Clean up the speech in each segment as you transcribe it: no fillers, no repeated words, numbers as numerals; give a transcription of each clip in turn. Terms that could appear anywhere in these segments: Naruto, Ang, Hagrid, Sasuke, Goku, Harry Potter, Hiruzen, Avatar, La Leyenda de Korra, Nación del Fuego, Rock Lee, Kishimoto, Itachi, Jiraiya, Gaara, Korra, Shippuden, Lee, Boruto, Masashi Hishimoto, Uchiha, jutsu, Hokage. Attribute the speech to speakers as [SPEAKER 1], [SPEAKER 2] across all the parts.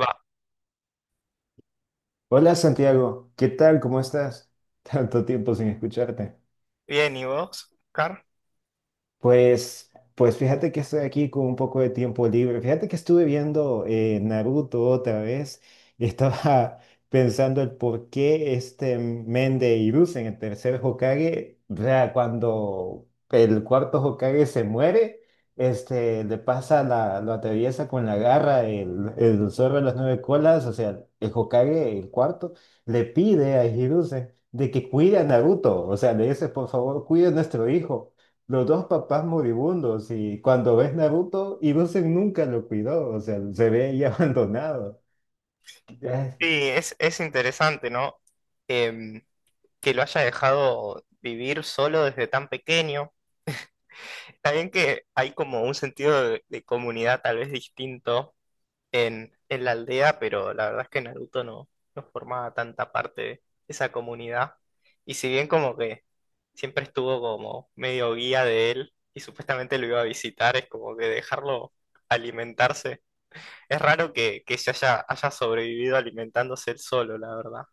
[SPEAKER 1] Va,
[SPEAKER 2] Hola Santiago, ¿qué tal? ¿Cómo estás? Tanto tiempo sin escucharte.
[SPEAKER 1] bien, ¿y vos, Oscar?
[SPEAKER 2] Pues fíjate que estoy aquí con un poco de tiempo libre. Fíjate que estuve viendo Naruto otra vez y estaba pensando el por qué este men de Hiruzen, el tercer Hokage, o sea, cuando el cuarto Hokage se muere, le pasa lo atraviesa con la garra el zorro de las nueve colas, o sea, el Hokage, el cuarto, le pide a Hiruzen de que cuide a Naruto, o sea, le dice, por favor, cuide a nuestro hijo. Los dos papás moribundos y cuando ves Naruto, Hiruzen nunca lo cuidó, o sea, se ve ahí abandonado. Eh,
[SPEAKER 1] Sí, es interesante, ¿no? Em, que lo haya dejado vivir solo desde tan pequeño. Está bien que hay como un sentido de comunidad tal vez distinto en la aldea, pero la verdad es que Naruto no, no formaba tanta parte de esa comunidad. Y si bien como que siempre estuvo como medio guía de él y supuestamente lo iba a visitar, es como que dejarlo alimentarse. Es raro que se haya sobrevivido alimentándose él solo, la verdad.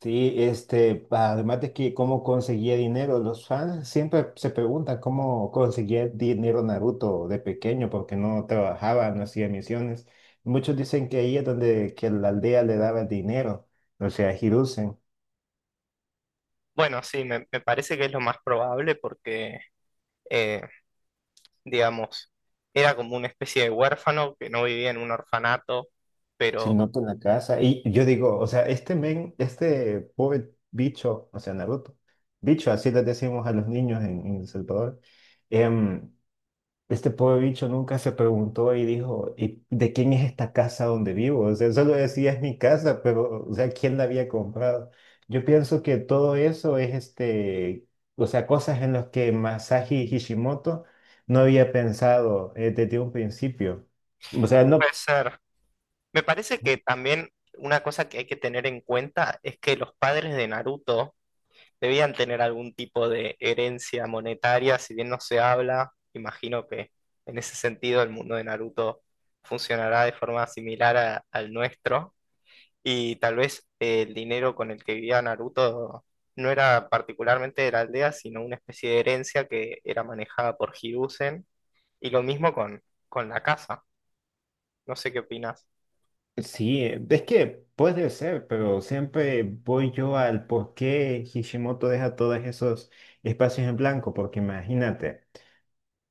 [SPEAKER 2] Sí, además de que cómo conseguía dinero, los fans siempre se preguntan cómo conseguía dinero Naruto de pequeño, porque no trabajaba, no hacía misiones. Muchos dicen que ahí es donde que la aldea le daba el dinero, o sea, Hiruzen.
[SPEAKER 1] Bueno, sí, me parece que es lo más probable porque, eh, digamos, era como una especie de huérfano que no vivía en un orfanato,
[SPEAKER 2] Si
[SPEAKER 1] pero
[SPEAKER 2] noto en la casa. Y yo digo, o sea, este men, este pobre bicho, o sea, Naruto, bicho, así le decimos a los niños en El Salvador, em, este pobre bicho nunca se preguntó y dijo, ¿y de quién es esta casa donde vivo? O sea, solo decía, es mi casa, pero, o sea, ¿quién la había comprado? Yo pienso que todo eso es o sea, cosas en las que Masashi Hishimoto no había pensado desde un principio. O sea, no.
[SPEAKER 1] puede ser. Me parece que también una cosa que hay que tener en cuenta es que los padres de Naruto debían tener algún tipo de herencia monetaria. Si bien no se habla, imagino que en ese sentido el mundo de Naruto funcionará de forma similar al nuestro, y tal vez el dinero con el que vivía Naruto no era particularmente de la aldea, sino una especie de herencia que era manejada por Hiruzen, y lo mismo con la casa. No sé qué opinas.
[SPEAKER 2] Sí, es que puede ser, pero siempre voy yo al por qué Hishimoto deja todos esos espacios en blanco, porque imagínate.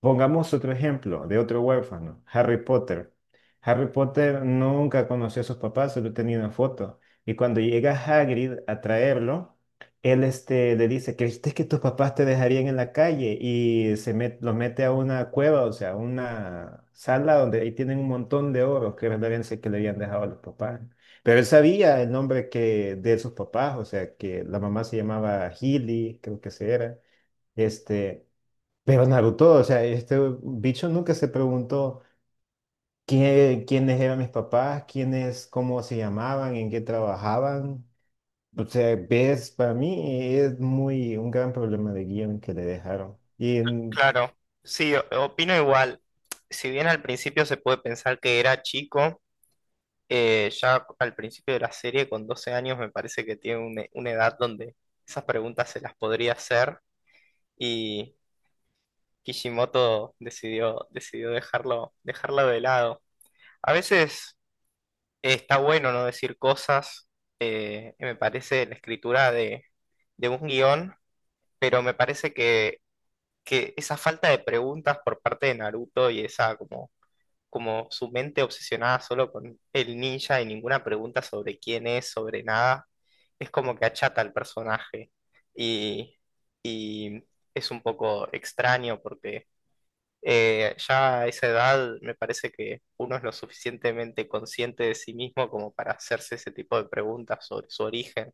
[SPEAKER 2] Pongamos otro ejemplo de otro huérfano, Harry Potter. Harry Potter nunca conoció a sus papás, solo tenía una foto. Y cuando llega Hagrid a traerlo, él le dice, ¿creíste que tus papás te dejarían en la calle? Y los mete a una cueva, o sea, una sala donde ahí tienen un montón de oros que referencia que le habían dejado a los papás. Pero él sabía el nombre de sus papás, o sea, que la mamá se llamaba Healy, creo que se era. Este, pero Naruto, o sea, este bicho nunca se preguntó quiénes eran mis papás, quiénes, cómo se llamaban, en qué trabajaban. O sea, ves, para mí es muy un gran problema de guión que le dejaron.
[SPEAKER 1] Claro, sí, opino igual. Si bien al principio se puede pensar que era chico, ya al principio de la serie, con 12 años, me parece que tiene una edad donde esas preguntas se las podría hacer, y Kishimoto decidió dejarlo de lado. A veces está bueno no decir cosas. Eh, me parece la escritura de un guión, pero me parece que esa falta de preguntas por parte de Naruto, y esa como como su mente obsesionada solo con el ninja y ninguna pregunta sobre quién es, sobre nada, es como que achata al personaje. Y, y es un poco extraño porque ya a esa edad me parece que uno es lo suficientemente consciente de sí mismo como para hacerse ese tipo de preguntas sobre su origen.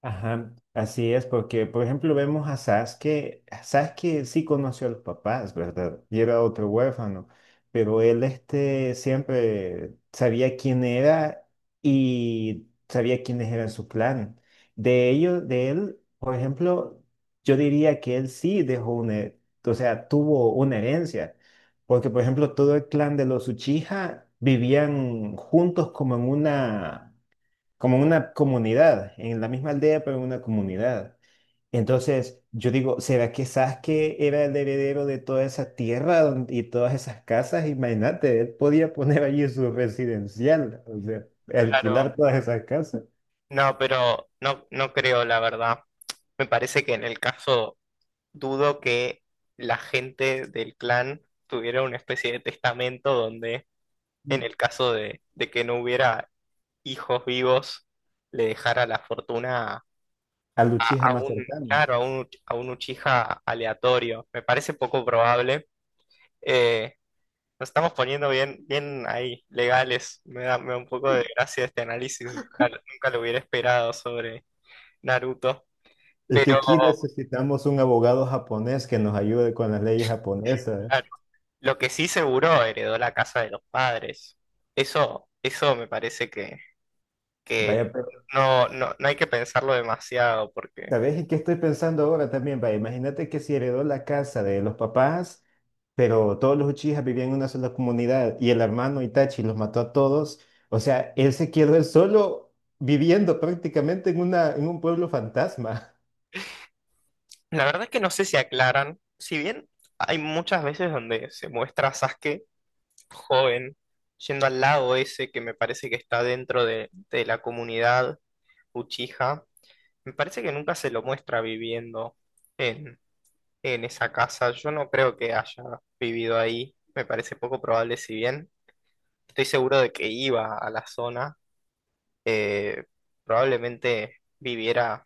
[SPEAKER 2] Ajá, así es, porque por ejemplo vemos a Sasuke, Sasuke sí conoció a los papás, ¿verdad? Y era otro huérfano, pero él siempre sabía quién era y sabía quiénes eran su clan. De ellos, de él, por ejemplo, yo diría que él sí dejó una, o sea, tuvo una herencia, porque por ejemplo todo el clan de los Uchiha vivían juntos como en una, como en una comunidad, en la misma aldea, pero en una comunidad. Entonces, yo digo, ¿será que Sasuke era el heredero de toda esa tierra y todas esas casas? Imagínate, él podía poner allí su residencial, o sea,
[SPEAKER 1] Claro.
[SPEAKER 2] alquilar todas esas casas
[SPEAKER 1] No, pero no creo, la verdad. Me parece que en el caso, dudo que la gente del clan tuviera una especie de testamento donde, en el caso de que no hubiera hijos vivos, le dejara la fortuna a,
[SPEAKER 2] al Uchiha
[SPEAKER 1] a
[SPEAKER 2] más
[SPEAKER 1] un,
[SPEAKER 2] cercano.
[SPEAKER 1] claro, a un Uchiha aleatorio. Me parece poco probable. Eh, Nos estamos poniendo bien ahí, legales. Me da un poco de gracia este análisis. Nunca lo hubiera esperado sobre Naruto.
[SPEAKER 2] Es que
[SPEAKER 1] Pero,
[SPEAKER 2] aquí necesitamos un abogado japonés que nos ayude con las leyes japonesas.
[SPEAKER 1] claro, lo que sí, seguro heredó la casa de los padres. Eso me parece que,
[SPEAKER 2] Vaya.
[SPEAKER 1] que no, no, no hay que pensarlo demasiado, porque
[SPEAKER 2] ¿Sabes en qué estoy pensando ahora también? Va, imagínate que si heredó la casa de los papás, pero todos los Uchijas vivían en una sola comunidad y el hermano Itachi los mató a todos. O sea, él se quedó él solo viviendo prácticamente en un pueblo fantasma.
[SPEAKER 1] la verdad es que no sé si aclaran. Si bien hay muchas veces donde se muestra a Sasuke joven yendo al lago ese, que me parece que está dentro de la comunidad Uchiha, me parece que nunca se lo muestra viviendo en, en esa casa. Yo no creo que haya vivido ahí, me parece poco probable si bien. Estoy seguro de que iba a la zona. eh, Probablemente viviera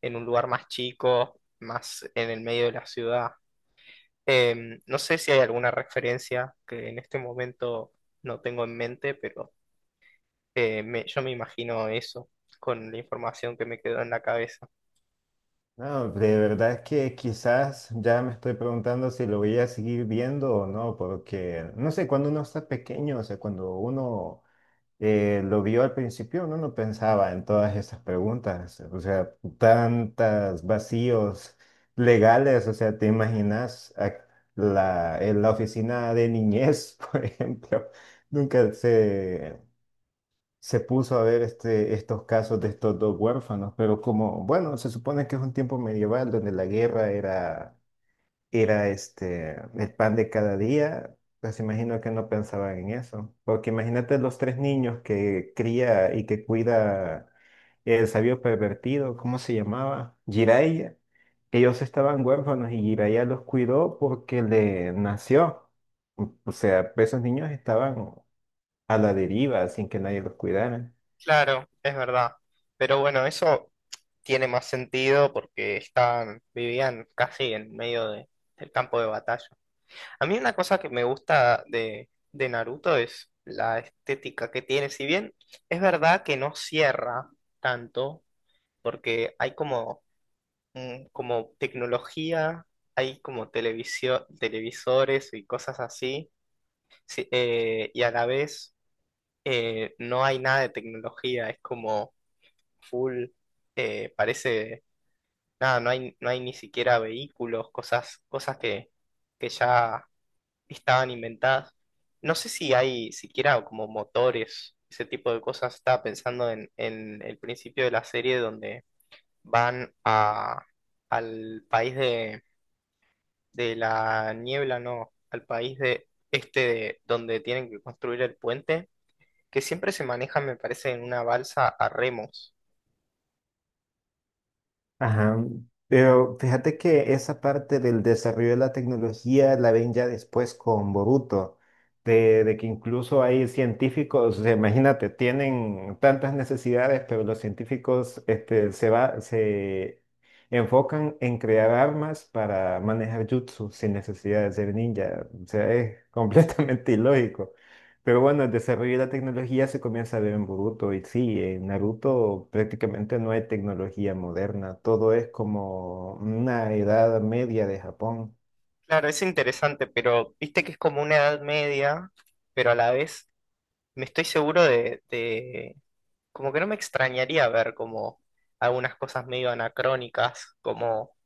[SPEAKER 1] en un lugar más chico, más en el medio de la ciudad. No sé si hay alguna referencia que en este momento no tengo en mente, pero yo me imagino eso con la información que me quedó en la cabeza.
[SPEAKER 2] No, de verdad que quizás ya me estoy preguntando si lo voy a seguir viendo o no, porque no sé, cuando uno está pequeño, o sea, cuando uno lo vio al principio, uno no pensaba en todas esas preguntas, o sea, tantos vacíos legales, o sea, en la oficina de niñez, por ejemplo, nunca se, se puso a ver estos casos de estos dos huérfanos, pero como, bueno, se supone que es un tiempo medieval donde la guerra era el pan de cada día, pues imagino que no pensaban en eso. Porque imagínate los tres niños que cría y que cuida el sabio pervertido, ¿cómo se llamaba? Jiraiya. Ellos estaban huérfanos y Jiraiya los cuidó porque le nació. O sea, esos niños estaban a la deriva sin que nadie los cuidara.
[SPEAKER 1] Claro, es verdad. Pero bueno, eso tiene más sentido porque estaban, vivían casi en medio del campo de batalla. A mí una cosa que me gusta de Naruto es la estética que tiene. Si bien es verdad que no cierra tanto, porque hay como, como tecnología, hay como televisión, televisores y cosas así, sí, y a la vez no hay nada de tecnología, es como full, parece, nada, no hay ni siquiera vehículos, cosas que ya estaban inventadas. No sé si hay siquiera como motores, ese tipo de cosas. Estaba pensando en el principio de la serie donde van a, al país de la niebla, no, al país de donde tienen que construir el puente, que siempre se maneja, me parece, en una balsa a remos.
[SPEAKER 2] Ajá. Pero fíjate que esa parte del desarrollo de la tecnología la ven ya después con Boruto, de que incluso hay científicos, o sea, imagínate, tienen tantas necesidades, pero los científicos se enfocan en crear armas para manejar jutsu sin necesidad de ser ninja. O sea, es completamente ilógico. Pero bueno, el desarrollo de la tecnología se comienza a ver en Boruto y sí, en Naruto prácticamente no hay tecnología moderna, todo es como una edad media de Japón.
[SPEAKER 1] Claro, es interesante, pero viste que es como una edad media, pero a la vez me estoy seguro como que no me extrañaría ver como algunas cosas medio anacrónicas, como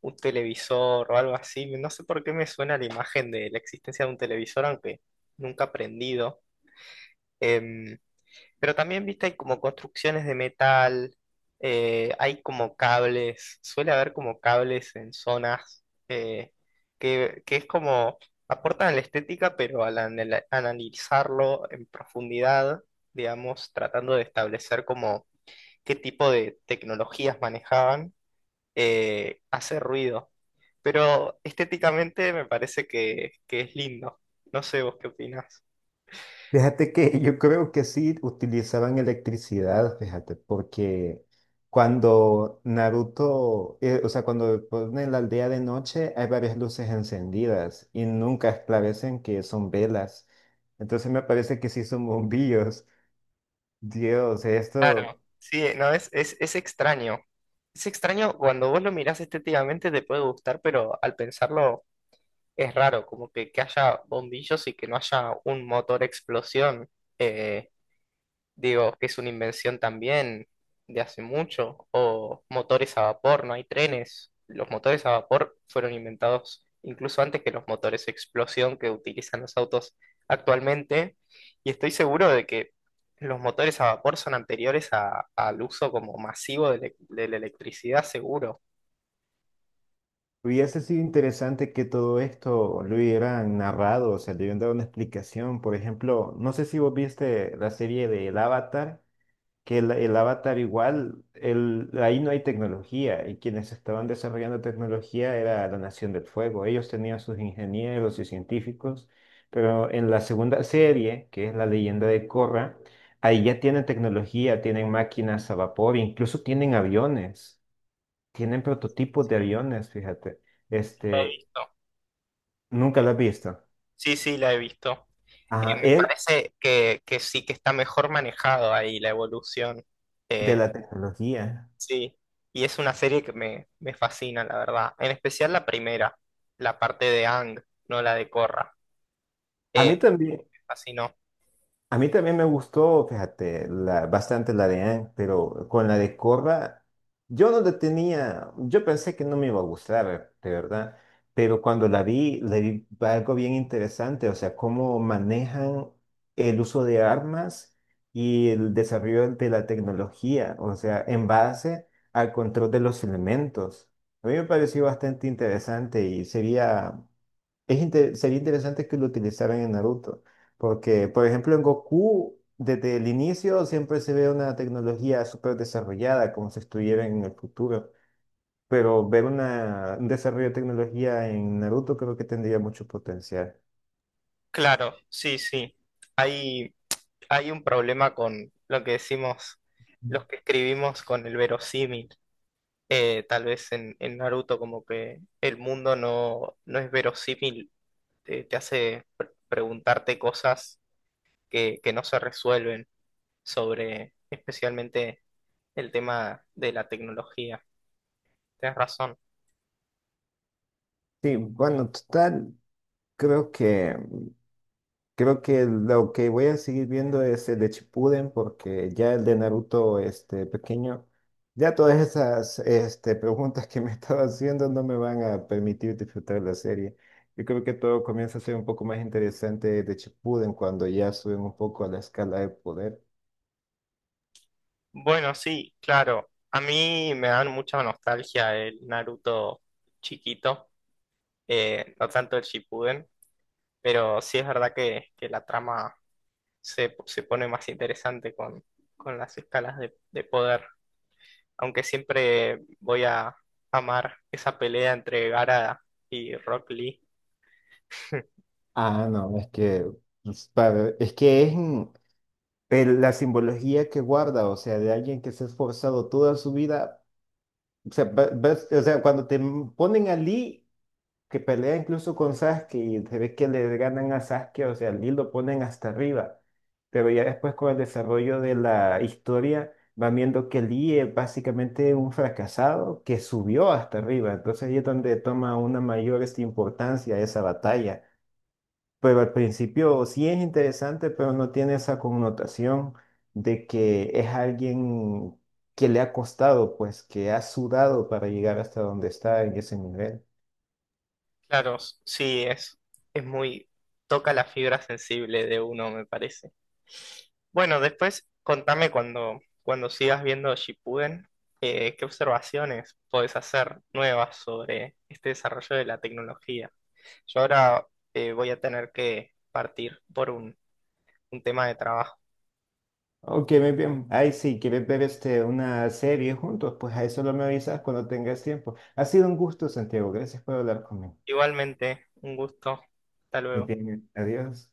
[SPEAKER 1] un televisor o algo así. No sé por qué me suena la imagen de la existencia de un televisor, aunque nunca he aprendido. Em, pero también, viste, hay como construcciones de metal, hay como cables, suele haber como cables en zonas que es como aportan la estética, pero al analizarlo en profundidad, digamos, tratando de establecer como qué tipo de tecnologías manejaban, hace ruido. Pero estéticamente me parece que es lindo. No sé vos qué opinás.
[SPEAKER 2] Fíjate que yo creo que sí utilizaban electricidad, fíjate, porque cuando Naruto, o sea, cuando ponen la aldea de noche hay varias luces encendidas y nunca esclarecen que son velas. Entonces me parece que sí son bombillos. Dios,
[SPEAKER 1] Claro,
[SPEAKER 2] esto...
[SPEAKER 1] sí, no, es extraño. Es extraño cuando vos lo mirás estéticamente te puede gustar, pero al pensarlo es raro, como que haya bombillos y que no haya un motor explosión. Eh, Digo, que es una invención también de hace mucho. O motores a vapor, no hay trenes. Los motores a vapor fueron inventados incluso antes que los motores a explosión que utilizan los autos actualmente. Y estoy seguro de que los motores a vapor son anteriores al uso como masivo de la electricidad, seguro.
[SPEAKER 2] Hubiese sido interesante que todo esto lo hubieran narrado, o sea, le hubieran dado una explicación. Por ejemplo, no sé si vos viste la serie de El Avatar, que el Avatar igual, ahí no hay tecnología y quienes estaban desarrollando tecnología era la Nación del Fuego. Ellos tenían sus ingenieros y científicos, pero en la segunda serie, que es La Leyenda de Korra, ahí ya tienen tecnología, tienen máquinas a vapor, incluso tienen aviones. Tienen prototipos de aviones, fíjate.
[SPEAKER 1] La he
[SPEAKER 2] Este,
[SPEAKER 1] visto. Sí,
[SPEAKER 2] nunca lo has visto.
[SPEAKER 1] sí, la he visto.
[SPEAKER 2] Ajá,
[SPEAKER 1] Me
[SPEAKER 2] él
[SPEAKER 1] parece que sí que está mejor manejado ahí la evolución.
[SPEAKER 2] de
[SPEAKER 1] eh,
[SPEAKER 2] la tecnología.
[SPEAKER 1] Sí, y es una serie me fascina, la verdad. En especial la primera, la parte de Ang, no la de Korra.
[SPEAKER 2] A
[SPEAKER 1] Eh,
[SPEAKER 2] mí también.
[SPEAKER 1] Me fascinó.
[SPEAKER 2] A mí también me gustó, fíjate, bastante la de Anne, pero con la de Corra, yo no la tenía, yo pensé que no me iba a gustar, de verdad, pero cuando la vi, le vi algo bien interesante, o sea, cómo manejan el uso de armas y el desarrollo de la tecnología, o sea, en base al control de los elementos. A mí me pareció bastante interesante y sería interesante que lo utilizaran en Naruto, porque, por ejemplo, en Goku, desde el inicio siempre se ve una tecnología súper desarrollada, como si estuviera en el futuro, pero ver un desarrollo de tecnología en Naruto creo que tendría mucho potencial.
[SPEAKER 1] Claro, sí, sí. Hay, Hay un problema con lo que decimos los que escribimos con el verosímil. Tal vez en Naruto, como que el mundo no es verosímil, te hace preguntarte cosas que no se resuelven sobre, especialmente, el tema de la tecnología. Tienes razón.
[SPEAKER 2] Sí, bueno, total, creo que Creo que lo que voy a seguir viendo es el de Shippuden porque ya el de Naruto este pequeño, ya todas esas preguntas que me estaba haciendo no me van a permitir disfrutar la serie. Yo creo que todo comienza a ser un poco más interesante de Shippuden cuando ya suben un poco a la escala de poder.
[SPEAKER 1] Bueno, sí, claro. A mí me dan mucha nostalgia el Naruto chiquito, no tanto el Shippuden, pero sí es verdad que la trama se pone más interesante con las escalas de poder, aunque siempre voy a amar esa pelea entre Gaara y Rock Lee.
[SPEAKER 2] Ah, no, es que pues, es que es la simbología que guarda, o sea, de alguien que se ha esforzado toda su vida, o sea, o sea, cuando ponen a Lee que pelea incluso con Sasuke y se ve que le ganan a Sasuke, o sea, Lee lo ponen hasta arriba. Pero ya después con el desarrollo de la historia van viendo que Lee es básicamente un fracasado que subió hasta arriba. Entonces ahí es donde toma una mayor importancia esa batalla. Pero al principio sí es interesante, pero no tiene esa connotación de que es alguien que le ha costado, pues que ha sudado para llegar hasta donde está en ese nivel.
[SPEAKER 1] Claro, sí, es muy... toca la fibra sensible de uno, me parece. Bueno, después contame cuando sigas viendo Shippuden, qué observaciones podés hacer nuevas sobre este desarrollo de la tecnología. Yo ahora voy a tener que partir por un tema de trabajo.
[SPEAKER 2] Ok, muy bien. Ahí sí, ¿quieres ver una serie juntos? Pues ahí solo me avisas cuando tengas tiempo. Ha sido un gusto, Santiago. Gracias por hablar conmigo.
[SPEAKER 1] Igualmente, un gusto. Hasta
[SPEAKER 2] Muy
[SPEAKER 1] luego.
[SPEAKER 2] bien, adiós.